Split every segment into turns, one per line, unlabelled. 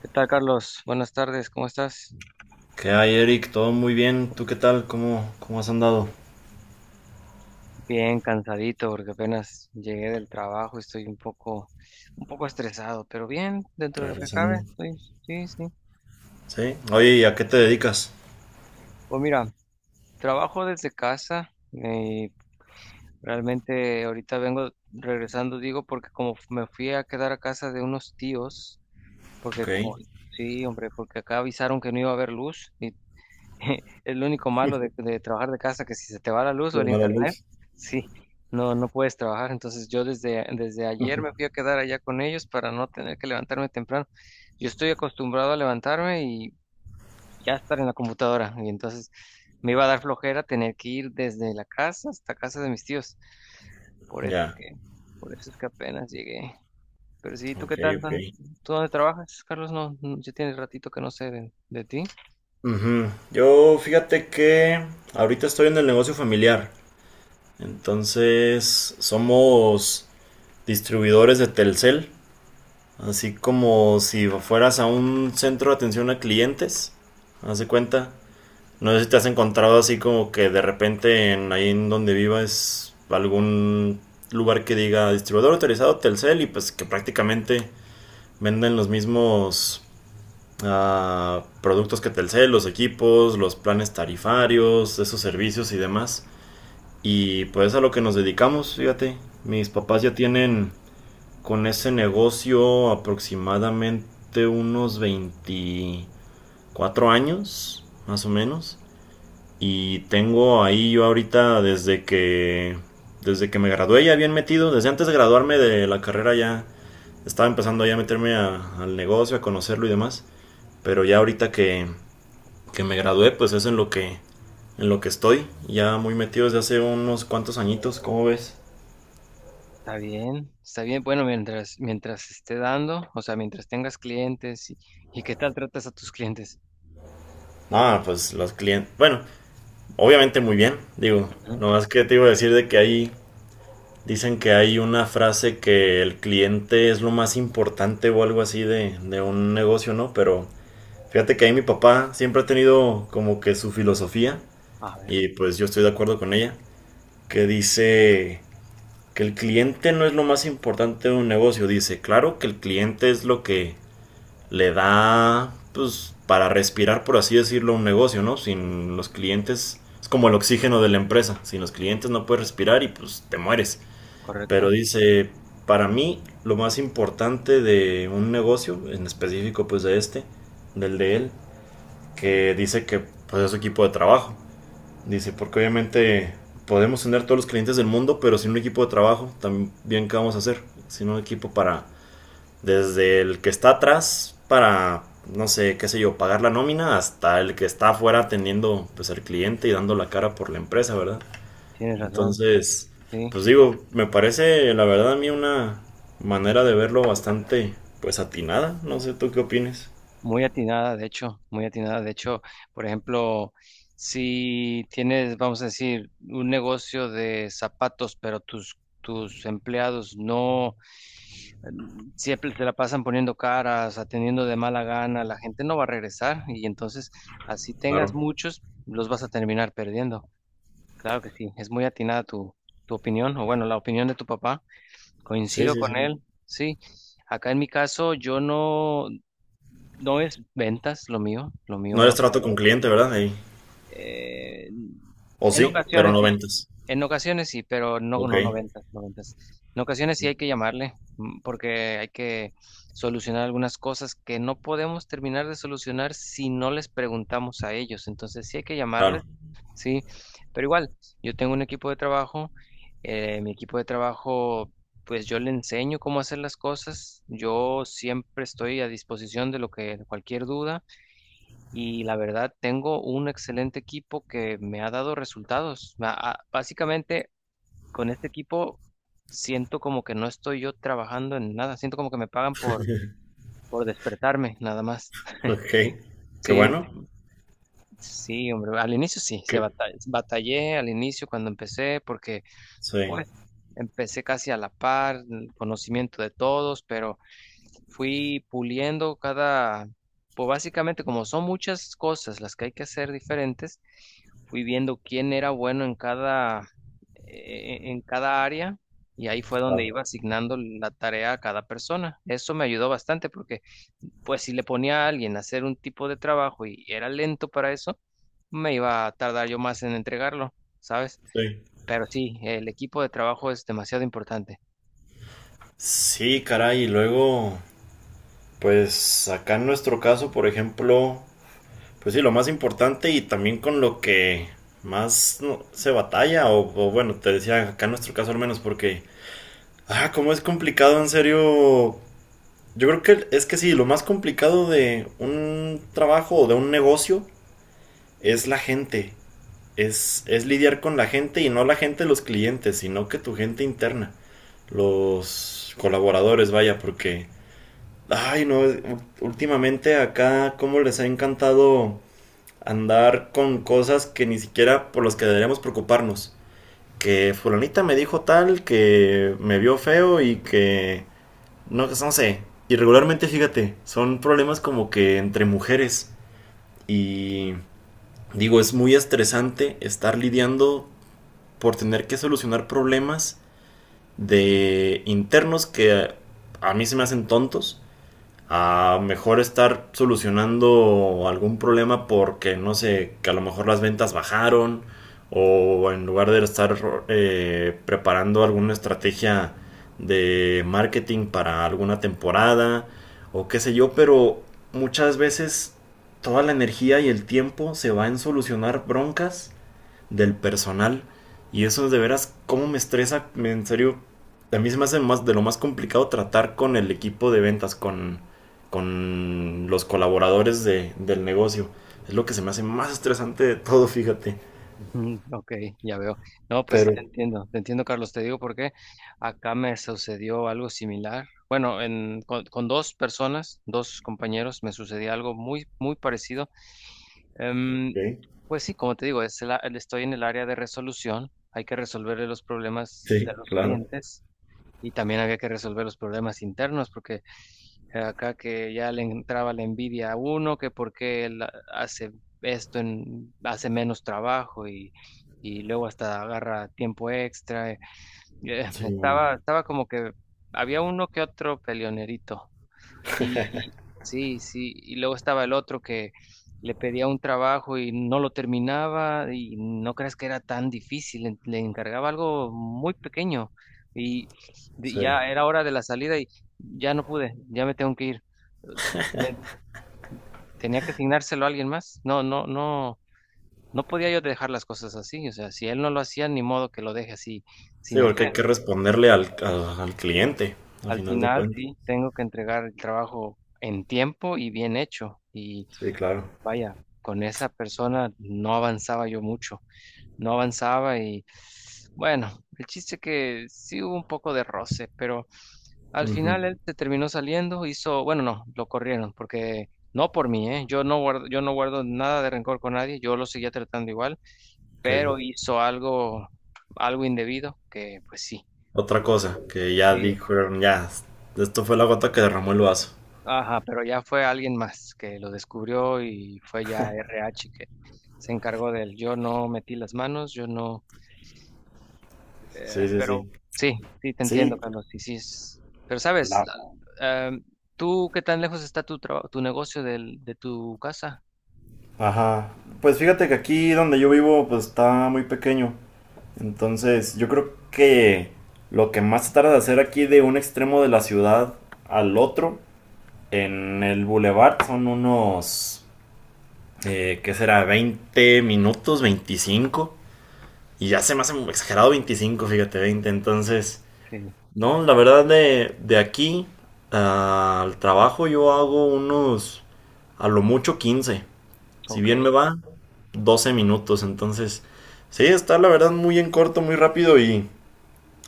¿Qué tal, Carlos? Buenas tardes, ¿cómo estás?
¿Qué hay, Eric? Todo muy bien. ¿Tú qué tal? ¿Cómo has andado?
Bien, cansadito porque apenas llegué del trabajo estoy un poco estresado, pero bien, dentro de lo que cabe,
Regresando.
estoy, sí, sí.
¿Sí? Oye, ¿y a qué te dedicas?
Pues mira, trabajo desde casa y realmente ahorita vengo regresando, digo, porque como me fui a quedar a casa de unos tíos, porque
Ok.
como, sí, hombre, porque acá avisaron que no iba a haber luz y Es lo único malo de trabajar de casa, que si se te va la luz o el
A la
internet,
luz.
sí, no puedes trabajar. Entonces yo desde ayer me fui a quedar allá con ellos para no tener que levantarme temprano. Yo estoy acostumbrado a levantarme y ya estar en la computadora. Y entonces me iba a dar flojera tener que ir desde la casa hasta casa de mis tíos. Por eso es
Ya.
que, por eso es que apenas llegué. Pero sí, ¿tú qué
Ok,
tal?
ok.
¿Tú dónde trabajas, Carlos? No, no, ya tienes ratito que no sé de ti.
Ujú. Yo fíjate que ahorita estoy en el negocio familiar. Entonces, somos distribuidores de Telcel. Así como si fueras a un centro de atención a clientes. Haz de cuenta. No sé si te has encontrado así como que de repente en, ahí en donde vivas algún lugar que diga distribuidor autorizado Telcel y pues que prácticamente venden los mismos productos que Telcel, los equipos, los planes tarifarios, esos servicios y demás. Y pues a lo que nos dedicamos, fíjate. Mis papás ya tienen con ese negocio aproximadamente unos 24 años, más o menos. Y tengo ahí yo ahorita desde que me gradué ya bien metido, desde antes de graduarme de la carrera ya estaba empezando ya a meterme a- al negocio, a conocerlo y demás. Pero ya ahorita que me gradué, pues es en lo que estoy, ya muy metido desde hace unos cuantos añitos, ¿cómo ves?
Está bien, está bien. Bueno, mientras esté dando, o sea, mientras tengas clientes y qué tal tratas a tus clientes.
Ah, pues los clientes, bueno, obviamente muy bien, digo,
Ujú.
no es que te iba a decir de que ahí. Dicen que hay una frase que el cliente es lo más importante o algo así de un negocio, ¿no? Pero fíjate que ahí mi papá siempre ha tenido como que su filosofía
A ver,
y pues yo estoy de acuerdo con ella, que dice que el cliente no es lo más importante de un negocio. Dice, claro que el cliente es lo que le da, pues, para respirar, por así decirlo, un negocio, ¿no? Sin los clientes, es como el oxígeno de la empresa. Sin los clientes no puedes respirar y pues te mueres. Pero
correcto.
dice, para mí lo más importante de un negocio, en específico pues de este, del de él, que dice que pues es su equipo de trabajo. Dice, porque obviamente podemos tener todos los clientes del mundo, pero sin un equipo de trabajo, ¿también qué vamos a hacer? Sin un equipo para, desde el que está atrás para, no sé, qué sé yo, pagar la nómina, hasta el que está afuera atendiendo pues al cliente y dando la cara por la empresa, ¿verdad?
Tienes razón,
Entonces,
sí.
pues digo, me parece la verdad a mí una manera de verlo bastante pues atinada. No sé tú qué opines.
Muy atinada, de hecho, muy atinada. De hecho, por ejemplo, si tienes, vamos a decir, un negocio de zapatos, pero tus empleados no siempre se la pasan poniendo caras, atendiendo de mala gana, la gente no va a regresar y entonces, así tengas
Claro.
muchos, los vas a terminar perdiendo. Claro que sí, es muy atinada tu, tu opinión, o bueno, la opinión de tu papá.
Sí,
Coincido
sí,
con
sí.
él, sí. Acá en mi caso, yo no no es ventas lo
No
mío
eres
es
trato con cliente, ¿verdad? Ahí.
eh,
O
en
sí, pero
ocasiones
no
sí,
ventas.
en ocasiones sí, pero no,
Ok,
no, no ventas, no ventas. En ocasiones sí hay que llamarle porque hay que solucionar algunas cosas que no podemos terminar de solucionar si no les preguntamos a ellos. Entonces sí hay que llamarles,
claro.
sí, pero igual, yo tengo un equipo de trabajo, mi equipo de trabajo, pues yo le enseño cómo hacer las cosas, yo siempre estoy a disposición de lo que cualquier duda y la verdad tengo un excelente equipo que me ha dado resultados. Básicamente con este equipo siento como que no estoy yo trabajando en nada, siento como que me pagan por despertarme nada más.
Ok. Qué
Sí,
bueno.
sí, hombre, al inicio sí,
Que...
batallé al inicio cuando empecé porque...
Sí,
Pues empecé casi a la par, el conocimiento de todos, pero fui puliendo cada, pues básicamente como son muchas cosas las que hay que hacer diferentes, fui viendo quién era bueno en cada área y ahí fue donde
claro.
iba asignando la tarea a cada persona. Eso me ayudó bastante porque pues si le ponía a alguien a hacer un tipo de trabajo y era lento para eso, me iba a tardar yo más en entregarlo, ¿sabes?
Sí.
Pero sí, el equipo de trabajo es demasiado importante.
Sí, caray. Y luego, pues acá en nuestro caso, por ejemplo, pues sí, lo más importante y también con lo que más no, se batalla, o bueno, te decía acá en nuestro caso al menos, porque, ah, cómo es complicado, en serio. Yo creo que es que sí, lo más complicado de un trabajo o de un negocio es la gente. Es lidiar con la gente y no la gente de los clientes, sino que tu gente interna, los colaboradores, vaya, porque, ay, no, últimamente acá, cómo les ha encantado andar con cosas que ni siquiera por las que deberíamos preocuparnos. Que fulanita me dijo tal, que me vio feo y que... No, no sé. Y regularmente, fíjate, son problemas como que entre mujeres. Y digo, es muy estresante estar lidiando por tener que solucionar problemas de internos que a mí se me hacen tontos a mejor estar solucionando algún problema porque no sé, que a lo mejor las ventas bajaron o en lugar de estar preparando alguna estrategia de marketing para alguna temporada o qué sé yo, pero muchas veces toda la energía y el tiempo se va en solucionar broncas del personal. Y eso de veras, ¿cómo me estresa? En serio, a mí se me hace más de lo más complicado tratar con el equipo de ventas, con los colaboradores del negocio. Es lo que se me hace más estresante de todo, fíjate.
Ujú, ok, ya veo. No, pues sí
Pero,
te entiendo, Carlos, te digo por qué. Acá me sucedió algo similar. Bueno, con dos personas, dos compañeros, me sucedió algo muy, muy parecido.
ok,
Em, pues sí, como te digo, es estoy en el área de resolución. Hay que resolver los problemas de
sí,
los
claro.
clientes y también había que resolver los problemas internos porque acá que ya le entraba la envidia a uno, que por qué él hace esto, hace menos trabajo y luego hasta agarra tiempo extra.
Sí, no,
Estaba, estaba como que había uno que otro peleonerito. Y sí, sí, y luego estaba el otro que le pedía un trabajo y no lo terminaba y no creas que era tan difícil, le encargaba algo muy pequeño y
sí.
ya era hora de la salida y ya no pude, ya me tengo que ir. Me tenía que asignárselo a alguien más. No, no podía yo dejar las cosas así, o sea, si él no lo hacía, ni modo que lo deje así
Sí,
sin
porque hay
hacer.
que responderle al, al- al cliente, a
Al
final de
final,
cuentas.
sí, tengo que entregar el trabajo en tiempo y bien hecho. Y
Sí, claro.
vaya, con esa persona no avanzaba yo mucho, no avanzaba y bueno, el chiste que sí hubo un poco de roce, pero al
Ujú,
final él se terminó saliendo, hizo, bueno, no, lo corrieron porque no por mí, ¿eh? Yo no guardo nada de rencor con nadie, yo lo seguía tratando igual,
ok.
pero hizo algo, algo indebido que pues sí,
Otra
tuvo que,
cosa que ya
sí,
dijeron, ya, esto fue la gota que derramó el vaso.
ajá, pero ya fue alguien más que lo descubrió y fue ya RH que se encargó de él. Yo no metí las manos, yo no,
Sí, sí,
pero
sí.
sí, sí, te entiendo,
Sí,
Carlos, sí, sí. Pero sabes,
la...
la- em, ¿tú qué tan lejos está tu, tu negocio del, de tu casa?
Ajá. Pues fíjate que aquí donde yo vivo, pues está muy pequeño. Entonces, yo creo que lo que más se tarda de hacer aquí de un extremo de la ciudad al otro, en el bulevar, son unos, ¿qué será? 20 minutos, 25. Y ya se me hace exagerado 25, fíjate, 20. Entonces,
Sí,
no, la verdad de aquí al trabajo yo hago unos, a lo mucho 15. Si
ok.
bien me va, 12 minutos. Entonces, sí, está la verdad muy en corto, muy rápido y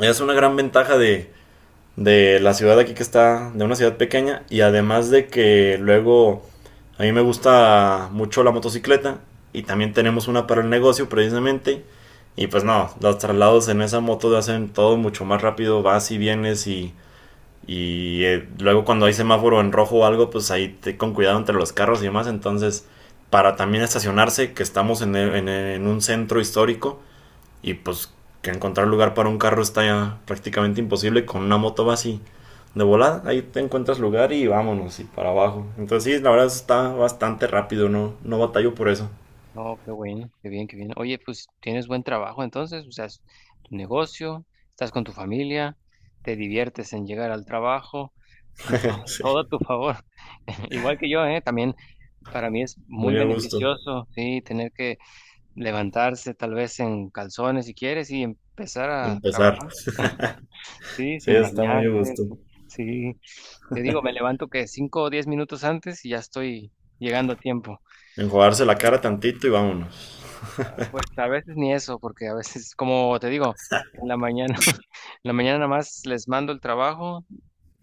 es una gran ventaja de la ciudad aquí que está, de una ciudad pequeña. Y además de que luego a mí me gusta mucho la motocicleta y también tenemos una para el negocio precisamente. Y pues no, los traslados en esa moto te hacen todo mucho más rápido, vas y vienes y luego cuando hay semáforo en rojo o algo, pues ahí con cuidado entre los carros y demás. Entonces, para también estacionarse, que estamos en, e, en en un centro histórico y pues que encontrar lugar para un carro está ya prácticamente imposible. Con una moto va así de volada, ahí te encuentras lugar y vámonos y para abajo. Entonces, sí, la verdad está bastante rápido, no, no batallo por eso.
No, qué bueno, qué bien, qué bien. Oye, pues tienes buen trabajo entonces, o sea, es tu negocio, estás con tu familia, te diviertes en llegar al trabajo, tienes to-
Sí,
todo, a tu favor. Igual que yo, ¿eh? También para mí es muy
muy a gusto.
beneficioso, sí, tener que levantarse tal vez en calzones si quieres y empezar a
Empezar.
trabajar, sí,
Sí,
sin
está muy a
bañarte,
gusto.
sí. Te digo, me levanto que 5 o 10 minutos antes y ya estoy llegando a tiempo.
Enjuagarse la cara tantito y vámonos.
Pues a veces ni eso, porque a veces, como te digo, en la mañana, en la mañana nada más les mando el trabajo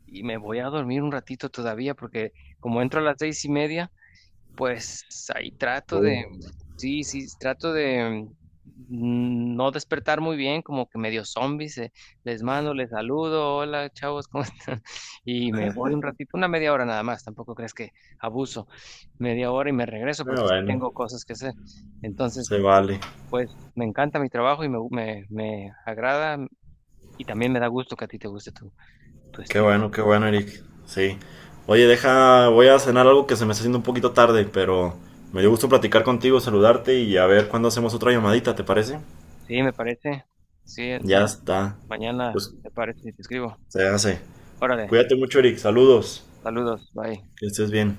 y me voy a dormir un ratito todavía, porque como entro a las 6:30, pues ahí
Uh,
trato de, sí, sí, trato de no despertar muy bien, como que medio zombies, les mando, les saludo, hola chavos, ¿cómo están? Y me voy un ratito, una media hora nada más, tampoco crees que abuso, media hora y me regreso porque sí
bueno.
tengo cosas que hacer. Entonces,
Se vale.
pues me encanta mi trabajo y me agrada y también me da gusto que a ti te guste tu, tu estilo de
Qué
trabajo.
bueno, Eric. Sí. Oye, deja, voy a cenar algo que se me está haciendo un poquito tarde, pero me dio gusto platicar contigo, saludarte y a ver cuándo hacemos otra llamadita, ¿te parece?
Sí, me parece. Sí,
Ya
entonces
está.
mañana
Pues
te parece si te escribo.
se hace.
Órale,
Cuídate mucho, Eric. Saludos.
saludos, bye.
Que estés bien.